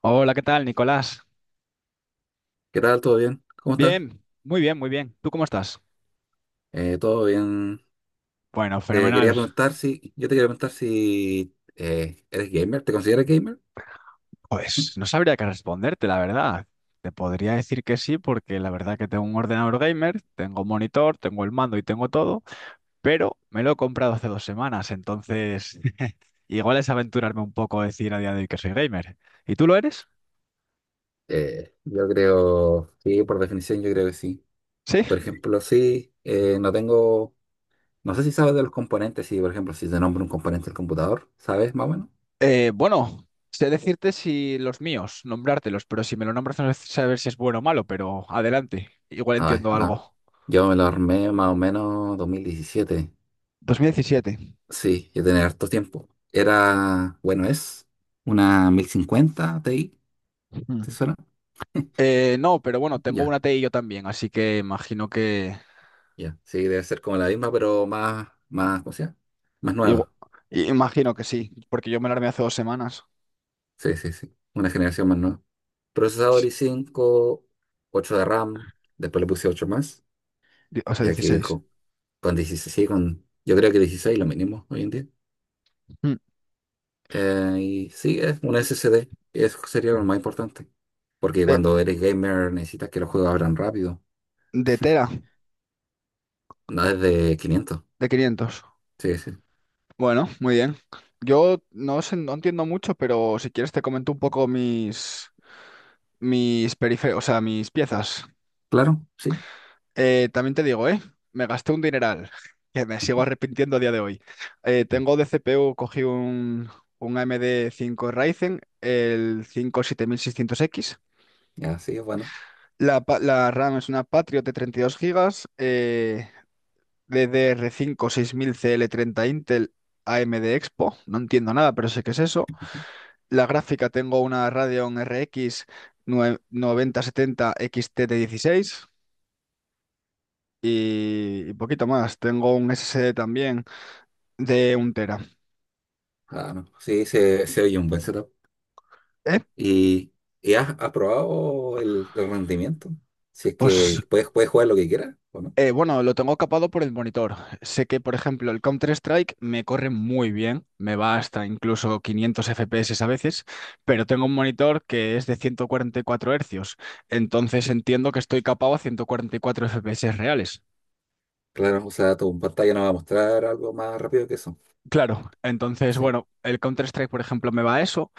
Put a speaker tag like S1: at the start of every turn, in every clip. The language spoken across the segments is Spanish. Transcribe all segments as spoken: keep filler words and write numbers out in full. S1: Hola, ¿qué tal, Nicolás?
S2: ¿Qué tal? ¿Todo bien? ¿Cómo estás?
S1: Bien, muy bien, muy bien. ¿Tú cómo estás?
S2: Eh, todo bien.
S1: Bueno,
S2: Te
S1: fenomenal.
S2: quería preguntar si, Yo te quería preguntar si eh, eres gamer, ¿te consideras gamer? Mm.
S1: Pues no sabría qué responderte, la verdad. Te podría decir que sí, porque la verdad que tengo un ordenador gamer, tengo un monitor, tengo el mando y tengo todo, pero me lo he comprado hace dos semanas, entonces igual es aventurarme un poco a decir a día de hoy que soy gamer. ¿Y tú lo eres?
S2: Eh, yo creo, sí, por definición yo creo que sí.
S1: Sí.
S2: Por ejemplo, sí, eh, no tengo, no sé si sabes de los componentes, sí, por ejemplo, si te nombro un componente del computador, ¿sabes más o menos?
S1: Eh, bueno, sé decirte si los míos, nombrártelos, pero si me lo nombras no sé saber si es bueno o malo, pero adelante, igual
S2: Ay,
S1: entiendo
S2: no.
S1: algo.
S2: Yo me lo armé más o menos dos mil diecisiete.
S1: dos mil diecisiete.
S2: Sí, yo tenía harto tiempo. Era, bueno, es una mil cincuenta Ti,
S1: Mm.
S2: ¿te suena?
S1: Eh, no, pero bueno, tengo
S2: Ya,
S1: una T TI yo también, así que imagino que...
S2: ya. Sí, debe ser como la misma, pero más, más, ¿cómo se llama? Más
S1: igu-
S2: nueva.
S1: i- imagino que sí, porque yo me la armé hace dos semanas.
S2: Sí, sí, sí. Una generación más nueva. Procesador i cinco, ocho de RAM. Después le puse ocho más,
S1: Di- O sea,
S2: ya que
S1: dieciséis.
S2: con, con dieciséis, con, yo creo que dieciséis lo mínimo hoy en día.
S1: Mm.
S2: Eh, y sí, es un S S D. Eso sería lo más importante. Porque
S1: De,
S2: cuando eres gamer necesitas que los juegos abran rápido.
S1: de tela,
S2: No es de quinientos.
S1: de quinientos.
S2: Sí, sí.
S1: Bueno, muy bien. Yo no sé, no entiendo mucho, pero si quieres te comento un poco mis, mis periféricos, o sea, mis piezas.
S2: Claro, sí.
S1: Eh, también te digo, ¿eh? Me gasté un dineral, que me sigo arrepintiendo a día de hoy. Eh,
S2: Sí.
S1: tengo de c p u, cogí un, un a m d cinco Ryzen, el cinco siete mil seiscientos equis.
S2: Ya, sí, es bueno.
S1: La, pa- la RAM es una Patriot de 32 gigas eh, d d r cinco seis mil c l treinta Intel a m d Expo. No entiendo nada, pero sé qué es eso. La gráfica tengo una Radeon r x nue- nueve mil setenta x t de dieciséis y y poquito más. Tengo un s s d también de un tera.
S2: Ah, no. Sí, se, se oye un buen setup.
S1: Eh,
S2: ¿Y, y has aprobado el, el rendimiento? Si es
S1: Pues
S2: que puedes, puedes jugar lo que quieras, ¿o no?
S1: eh, bueno, lo tengo capado por el monitor. Sé que, por ejemplo, el Counter-Strike me corre muy bien, me va hasta incluso quinientos f p s a veces, pero tengo un monitor que es de ciento cuarenta y cuatro Hz, entonces entiendo que estoy capado a ciento cuarenta y cuatro f p s reales.
S2: Claro, o sea, tu pantalla no va a mostrar algo más rápido que eso.
S1: Claro, entonces,
S2: Sí.
S1: bueno, el Counter-Strike, por ejemplo, me va a eso,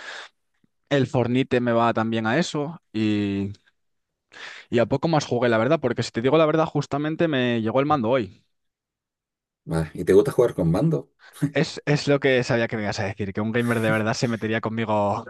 S1: el Fornite me va también a eso, y, y a poco más jugué, la verdad, porque si te digo la verdad, justamente me llegó el mando hoy.
S2: Va, ¿y te gusta jugar con mando?
S1: Es, es lo que sabía que me ibas a decir, que un gamer de verdad se metería conmigo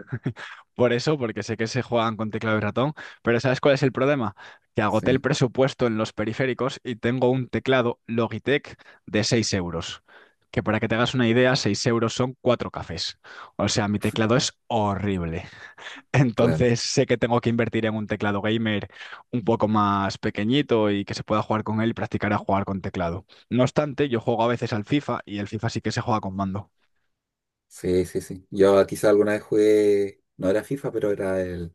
S1: por eso, porque sé que se juegan con teclado y ratón, pero ¿sabes cuál es el problema? Que agoté el
S2: Sí,
S1: presupuesto en los periféricos y tengo un teclado Logitech de seis euros, que para que te hagas una idea, seis euros son cuatro cafés. O sea, mi teclado es horrible.
S2: claro.
S1: Entonces sé que tengo que invertir en un teclado gamer un poco más pequeñito y que se pueda jugar con él y practicar a jugar con teclado. No obstante, yo juego a veces al FIFA y el FIFA sí que se juega con mando.
S2: Sí, sí, sí. Yo quizá alguna vez jugué, no era FIFA, pero era el,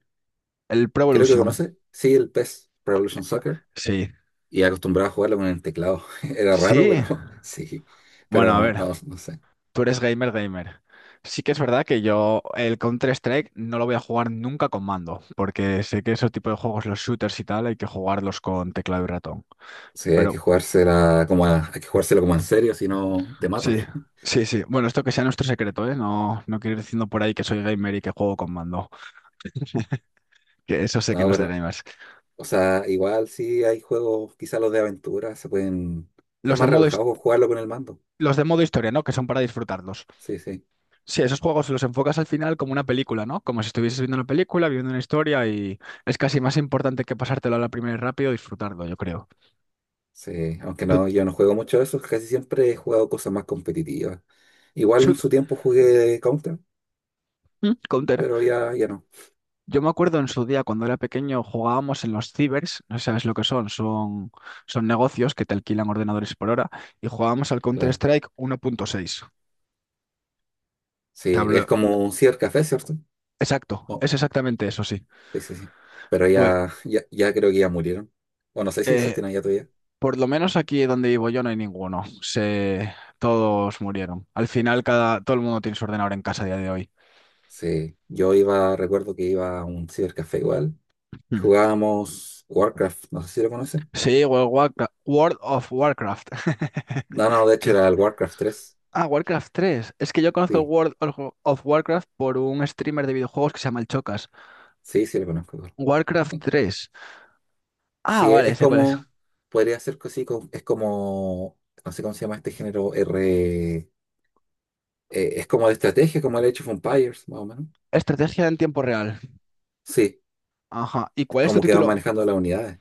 S1: El Pro
S2: creo que
S1: Evolution.
S2: conoce, sí, el PES, Pro Evolution Soccer,
S1: Sí.
S2: y acostumbrado a jugarlo con el teclado. Era raro,
S1: Sí.
S2: pero sí,
S1: Bueno,
S2: pero
S1: a
S2: no,
S1: ver,
S2: no, no sé.
S1: tú eres gamer, gamer. Sí que es verdad que yo el Counter-Strike no lo voy a jugar nunca con mando, porque sé que esos tipos de juegos, los shooters y tal, hay que jugarlos con teclado y ratón.
S2: Sí, hay que
S1: Pero
S2: jugársela como a- hay que jugárselo como en serio, si no te matan.
S1: sí, sí, sí. Bueno, esto que sea nuestro secreto, ¿eh? No, no quiero ir diciendo por ahí que soy gamer y que juego con mando, que eso sé que
S2: No,
S1: no es de
S2: pero,
S1: gamers.
S2: o sea, igual sí hay juegos, quizá los de aventura, se pueden, es
S1: Los de
S2: más
S1: modo, his-
S2: relajado jugarlo con el mando.
S1: los de modo historia, ¿no? Que son para disfrutarlos.
S2: Sí, sí.
S1: Sí, esos juegos los enfocas al final como una película, ¿no? Como si estuvieses viendo una película, viviendo una historia y es casi más importante que pasártelo a la primera y rápido, disfrutarlo, yo creo.
S2: Sí, aunque
S1: Tut,
S2: no, yo no juego mucho de eso, casi siempre he jugado cosas más competitivas. Igual en
S1: shut,
S2: su tiempo jugué Counter,
S1: mm, Counter.
S2: pero ya, ya no,
S1: Yo me acuerdo en su día cuando era pequeño jugábamos en los cibers, no sé si sabes lo que son, son, son negocios que te alquilan ordenadores por hora y jugábamos al
S2: claro.
S1: Counter-Strike uno punto seis. Te
S2: Sí, es
S1: hablo,
S2: como un cibercafé, ¿cierto?
S1: exacto,
S2: Oh,
S1: es exactamente eso, sí.
S2: sí, sí, sí. Pero
S1: Pues
S2: ya, ya, ya creo que ya murieron. O no sé si
S1: eh,
S2: existen allá todavía.
S1: Por lo menos aquí donde vivo yo no hay ninguno. Se, todos murieron. Al final cada, todo el mundo tiene su ordenador en casa a día de hoy.
S2: Sí, yo iba, recuerdo que iba a un cibercafé igual.
S1: Hmm.
S2: Jugábamos Warcraft, no sé si lo conoces.
S1: Sí, World of Warcra- World of Warcraft.
S2: No, no, de hecho
S1: ¿Qué?
S2: era el Warcraft tres.
S1: Ah, Warcraft tres. Es que yo conozco el
S2: Sí,
S1: World of of Warcraft por un streamer de videojuegos que se llama El Chocas.
S2: sí, sí lo conozco. Claro.
S1: Warcraft tres. Ah,
S2: Sí, e-,
S1: vale,
S2: es
S1: sé cuál es.
S2: como, podría ser así, co- es como, no sé cómo se llama este género, R, eh, es como de estrategia, como el Age of Empires, más o menos.
S1: Estrategia en tiempo real.
S2: Sí,
S1: Ajá. ¿Y cuál es tu
S2: como que van
S1: título?
S2: manejando las unidades.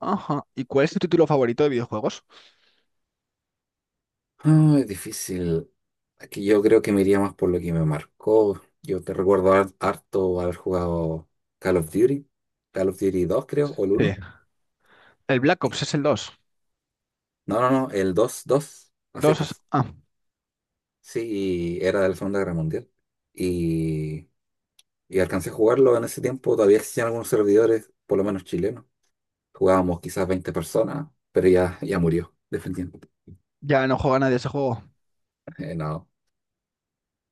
S1: Ajá. ¿Y cuál es tu título favorito de videojuegos?
S2: Ah, es difícil. Aquí yo creo que me iría más por lo que me marcó. Yo te recuerdo har- harto haber jugado Call of Duty, Call of Duty dos, creo, o el
S1: Sí.
S2: uno.
S1: El Black Ops
S2: Y-
S1: es el dos.
S2: No, no, no, el dos, dos a
S1: Dos. es...
S2: secas.
S1: Ah,
S2: Sí, y era de la Segunda Guerra Mundial. Y Y alcancé a jugarlo en ese tiempo, todavía existían algunos servidores, por lo menos chilenos. Jugábamos quizás veinte personas, pero ya, ya murió, definitivamente.
S1: ya no juega nadie ese juego.
S2: Eh, no.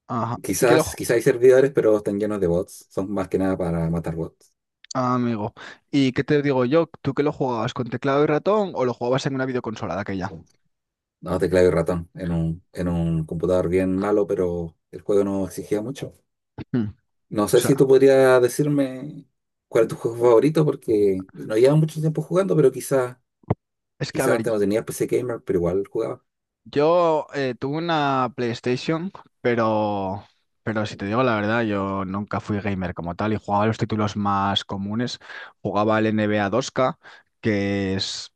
S1: Ajá. ¿Y que lo...
S2: Quizás,
S1: ju-
S2: quizás hay servidores, pero están llenos de bots. Son más que nada para matar bots.
S1: Ah, amigo. ¿Y qué te digo yo? ¿Tú que lo jugabas con teclado y ratón o lo jugabas en una videoconsola de aquella?
S2: No, teclado y ratón, en un, en un computador bien malo, pero el juego no exigía mucho.
S1: Mm.
S2: No
S1: O
S2: sé si tú
S1: sea,
S2: podrías decirme cuál es tu juego favorito, porque no llevas mucho tiempo jugando, pero quizás
S1: es que a
S2: quizás
S1: ver,
S2: antes no tenías P C Gamer, pero igual jugaba.
S1: yo eh, tuve una PlayStation, pero... Pero si te digo la verdad, yo nunca fui gamer como tal y jugaba los títulos más comunes. Jugaba el n b a dos k, que es,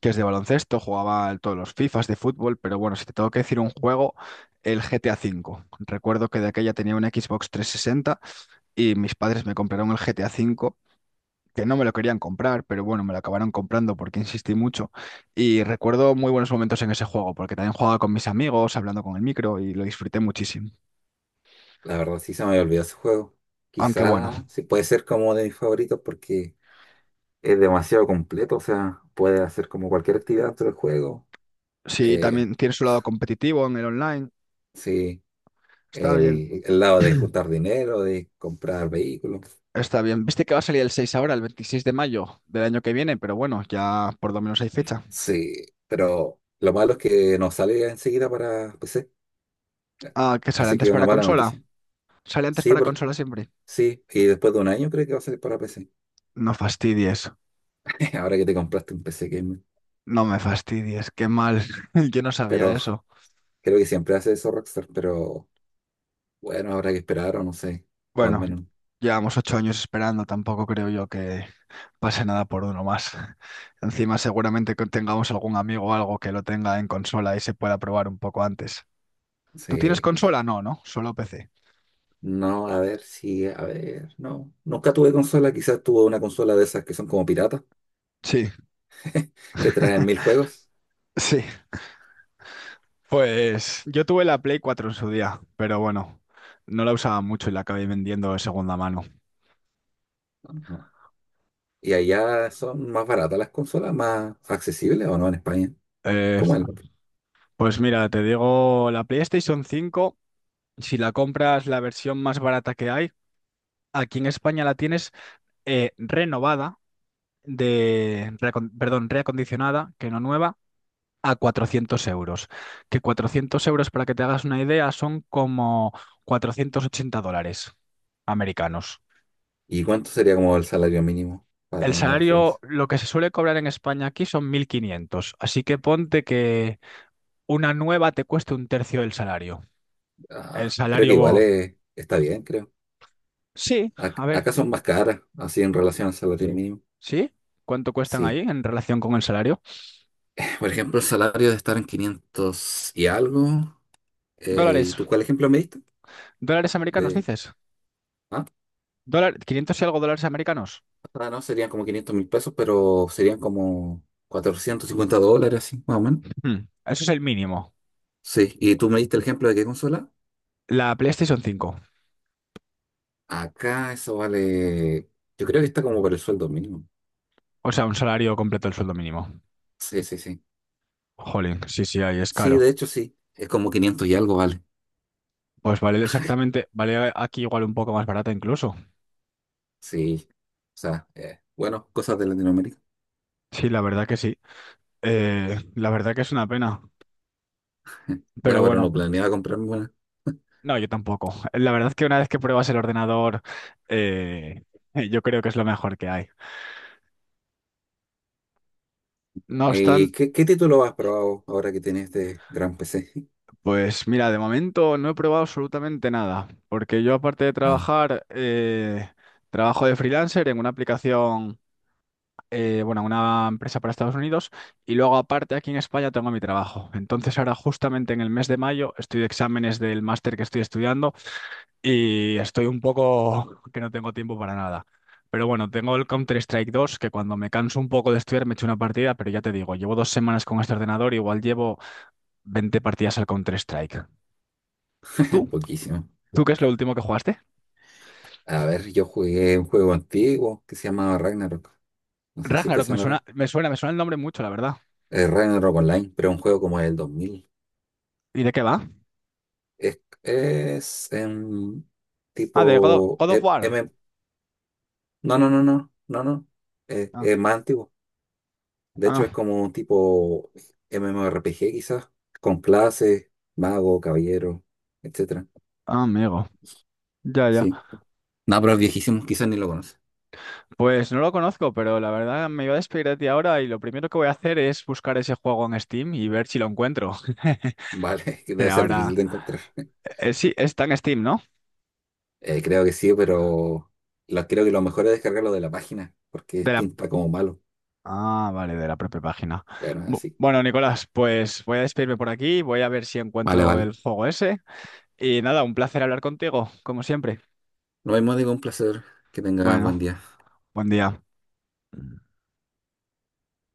S1: que es de baloncesto, jugaba el- todos los FIFAs de fútbol, pero bueno, si te tengo que decir un juego, el g t a V. Recuerdo que de aquella tenía una Xbox trescientos sesenta. Y mis padres me compraron el g t a V, que no me lo querían comprar, pero bueno, me lo acabaron comprando porque insistí mucho. Y recuerdo muy buenos momentos en ese juego, porque también jugaba con mis amigos, hablando con el micro y lo disfruté muchísimo.
S2: La verdad sí se me había olvidado ese juego.
S1: Aunque bueno,
S2: Quizá sí puede ser como de mis favoritos porque es demasiado completo, o sea, puede hacer como cualquier actividad dentro del juego.
S1: sí,
S2: Eh,
S1: también tiene su lado competitivo en el online,
S2: sí,
S1: está bien.
S2: el, el lado de juntar dinero, de comprar vehículos.
S1: Está bien. Viste que va a salir el seis ahora, el veintiséis de mayo del año que viene, pero bueno, ya por lo menos hay fecha.
S2: Sí, pero lo malo es que no sale enseguida para P C.
S1: Ah, que sale
S2: Así
S1: antes
S2: que una
S1: para
S2: mala
S1: consola.
S2: noticia.
S1: Sale antes
S2: Sí,
S1: para
S2: porque,
S1: consola siempre.
S2: sí, y después de un año creo que va a salir para P C.
S1: No fastidies.
S2: Ahora que te compraste un P C gamer.
S1: No me fastidies. Qué mal. Yo no sabía
S2: Pero
S1: eso.
S2: creo que siempre hace eso Rockstar. Pero bueno, habrá que esperar o no sé, o al
S1: Bueno,
S2: menos,
S1: llevamos ocho años esperando, tampoco creo yo que pase nada por uno más. Encima seguramente que tengamos algún amigo o algo que lo tenga en consola y se pueda probar un poco antes. ¿Tú tienes
S2: sí, va-
S1: consola? No, ¿no? Solo p c.
S2: no, a ver si, a ver, no, nunca tuve consola, quizás tuve una consola de esas que son como piratas,
S1: Sí,
S2: que traen mil juegos.
S1: sí. Pues yo tuve la Play cuatro en su día, pero bueno, no la usaba mucho y la acabé vendiendo de segunda mano.
S2: Ajá. Y allá son más baratas las consolas, más accesibles o no en España,
S1: Eh,
S2: como el,
S1: pues mira, te digo, la PlayStation cinco, si la compras la versión más barata que hay, aquí en España la tienes eh, renovada de, reacon- perdón, reacondicionada, que no nueva, a cuatrocientos euros. Que cuatrocientos euros, para que te hagas una idea, son como cuatrocientos ochenta dólares americanos.
S2: ¿y cuánto sería como el salario mínimo para
S1: El
S2: tener una
S1: salario,
S2: referencia?
S1: lo que se suele cobrar en España aquí son mil quinientos, así que ponte que una nueva te cueste un tercio del salario. El
S2: Ah, creo que
S1: salario...
S2: igual
S1: bo-
S2: eh, está bien, creo.
S1: Sí, a
S2: Ac-
S1: ver,
S2: acá son más caras, así en relación al salario, sí, mínimo,
S1: ¿sí? ¿Cuánto cuestan ahí
S2: sí.
S1: en relación con el salario?
S2: Por ejemplo, el salario de estar en quinientos y algo. Eh, ¿y
S1: Dólares,
S2: tú cuál ejemplo me diste?
S1: dólares americanos,
S2: De,
S1: dices.
S2: ah,
S1: Dólar, quinientos y algo dólares americanos.
S2: ah, no, serían como quinientos mil pesos, pero serían como cuatrocientos cincuenta dólares, así, más o menos.
S1: Hmm, Eso es el mínimo.
S2: Sí, ¿y tú me diste el ejemplo de qué consola?
S1: La PlayStation cinco.
S2: Acá eso vale, yo creo que está como por el sueldo mínimo.
S1: O sea, un salario completo del sueldo mínimo.
S2: Sí, sí, sí.
S1: Jolín, sí, sí, ahí es
S2: Sí, de
S1: caro.
S2: hecho sí, es como quinientos y algo vale.
S1: Pues vale exactamente, vale aquí igual un poco más barata incluso.
S2: Sí, o sea, eh, bueno, cosas de Latinoamérica.
S1: Sí, la verdad que sí. Eh, la verdad que es una pena. Pero
S2: Bueno, pero
S1: bueno,
S2: no planeaba comprarme una.
S1: no, yo tampoco. La verdad que una vez que pruebas el ordenador, eh, yo creo que es lo mejor que hay. No
S2: Eh,
S1: obstante,
S2: ¿qué, qué título has probado ahora que tienes este gran P C?
S1: pues mira, de momento no he probado absolutamente nada. Porque yo aparte de
S2: Nada,
S1: trabajar, eh, trabajo de freelancer en una aplicación eh, bueno, a una empresa para Estados Unidos y luego aparte aquí en España tengo mi trabajo. Entonces ahora justamente en el mes de mayo estoy de exámenes del máster que estoy estudiando y estoy un poco que no tengo tiempo para nada. Pero bueno, tengo el Counter-Strike dos que cuando me canso un poco de estudiar me echo una partida, pero ya te digo, llevo dos semanas con este ordenador, igual llevo veinte partidas al Counter-Strike. ¿Tú?
S2: poquísimo.
S1: ¿Tú qué es lo último que jugaste?
S2: A ver, yo jugué un juego antiguo que se llamaba Ragnarok. No sé si te
S1: Ragnarok, me suena,
S2: sonará.
S1: me suena, me suena el nombre mucho, la verdad.
S2: Eh, Ragnarok Online, pero un juego como el dos mil.
S1: ¿Y de qué va?
S2: Es, es em,
S1: Ah, de God of,
S2: tipo...
S1: God of
S2: eh,
S1: War.
S2: M- no, no, no, no, no, no. Eh,
S1: Ah,
S2: es más antiguo. De hecho, es
S1: ah,
S2: como un tipo MMORPG quizás, con clases, mago, caballero, etcétera.
S1: ah, amigo. Ya, ya.
S2: Sí. No, pero es viejísimo, quizás ni lo conoces.
S1: Pues no lo conozco, pero la verdad me iba a despedir de ti ahora y lo primero que voy a hacer es buscar ese juego en Steam y ver si lo encuentro.
S2: Vale, que
S1: Que
S2: debe ser difícil
S1: ahora...
S2: de encontrar.
S1: eh, sí, está en Steam, ¿no?
S2: Eh, creo que sí, pero lo- creo que lo mejor es descargarlo de la página, porque
S1: De
S2: es
S1: la...
S2: tinta como malo.
S1: Ah, vale, de la propia página.
S2: Bueno,
S1: Bu-
S2: así.
S1: Bueno, Nicolás, pues voy a despedirme por aquí, voy a ver si
S2: Vale,
S1: encuentro
S2: vale.
S1: el juego ese. Y nada, un placer hablar contigo, como siempre.
S2: Lo mismo digo, un placer. Que tengas buen
S1: Bueno,
S2: día.
S1: buen día.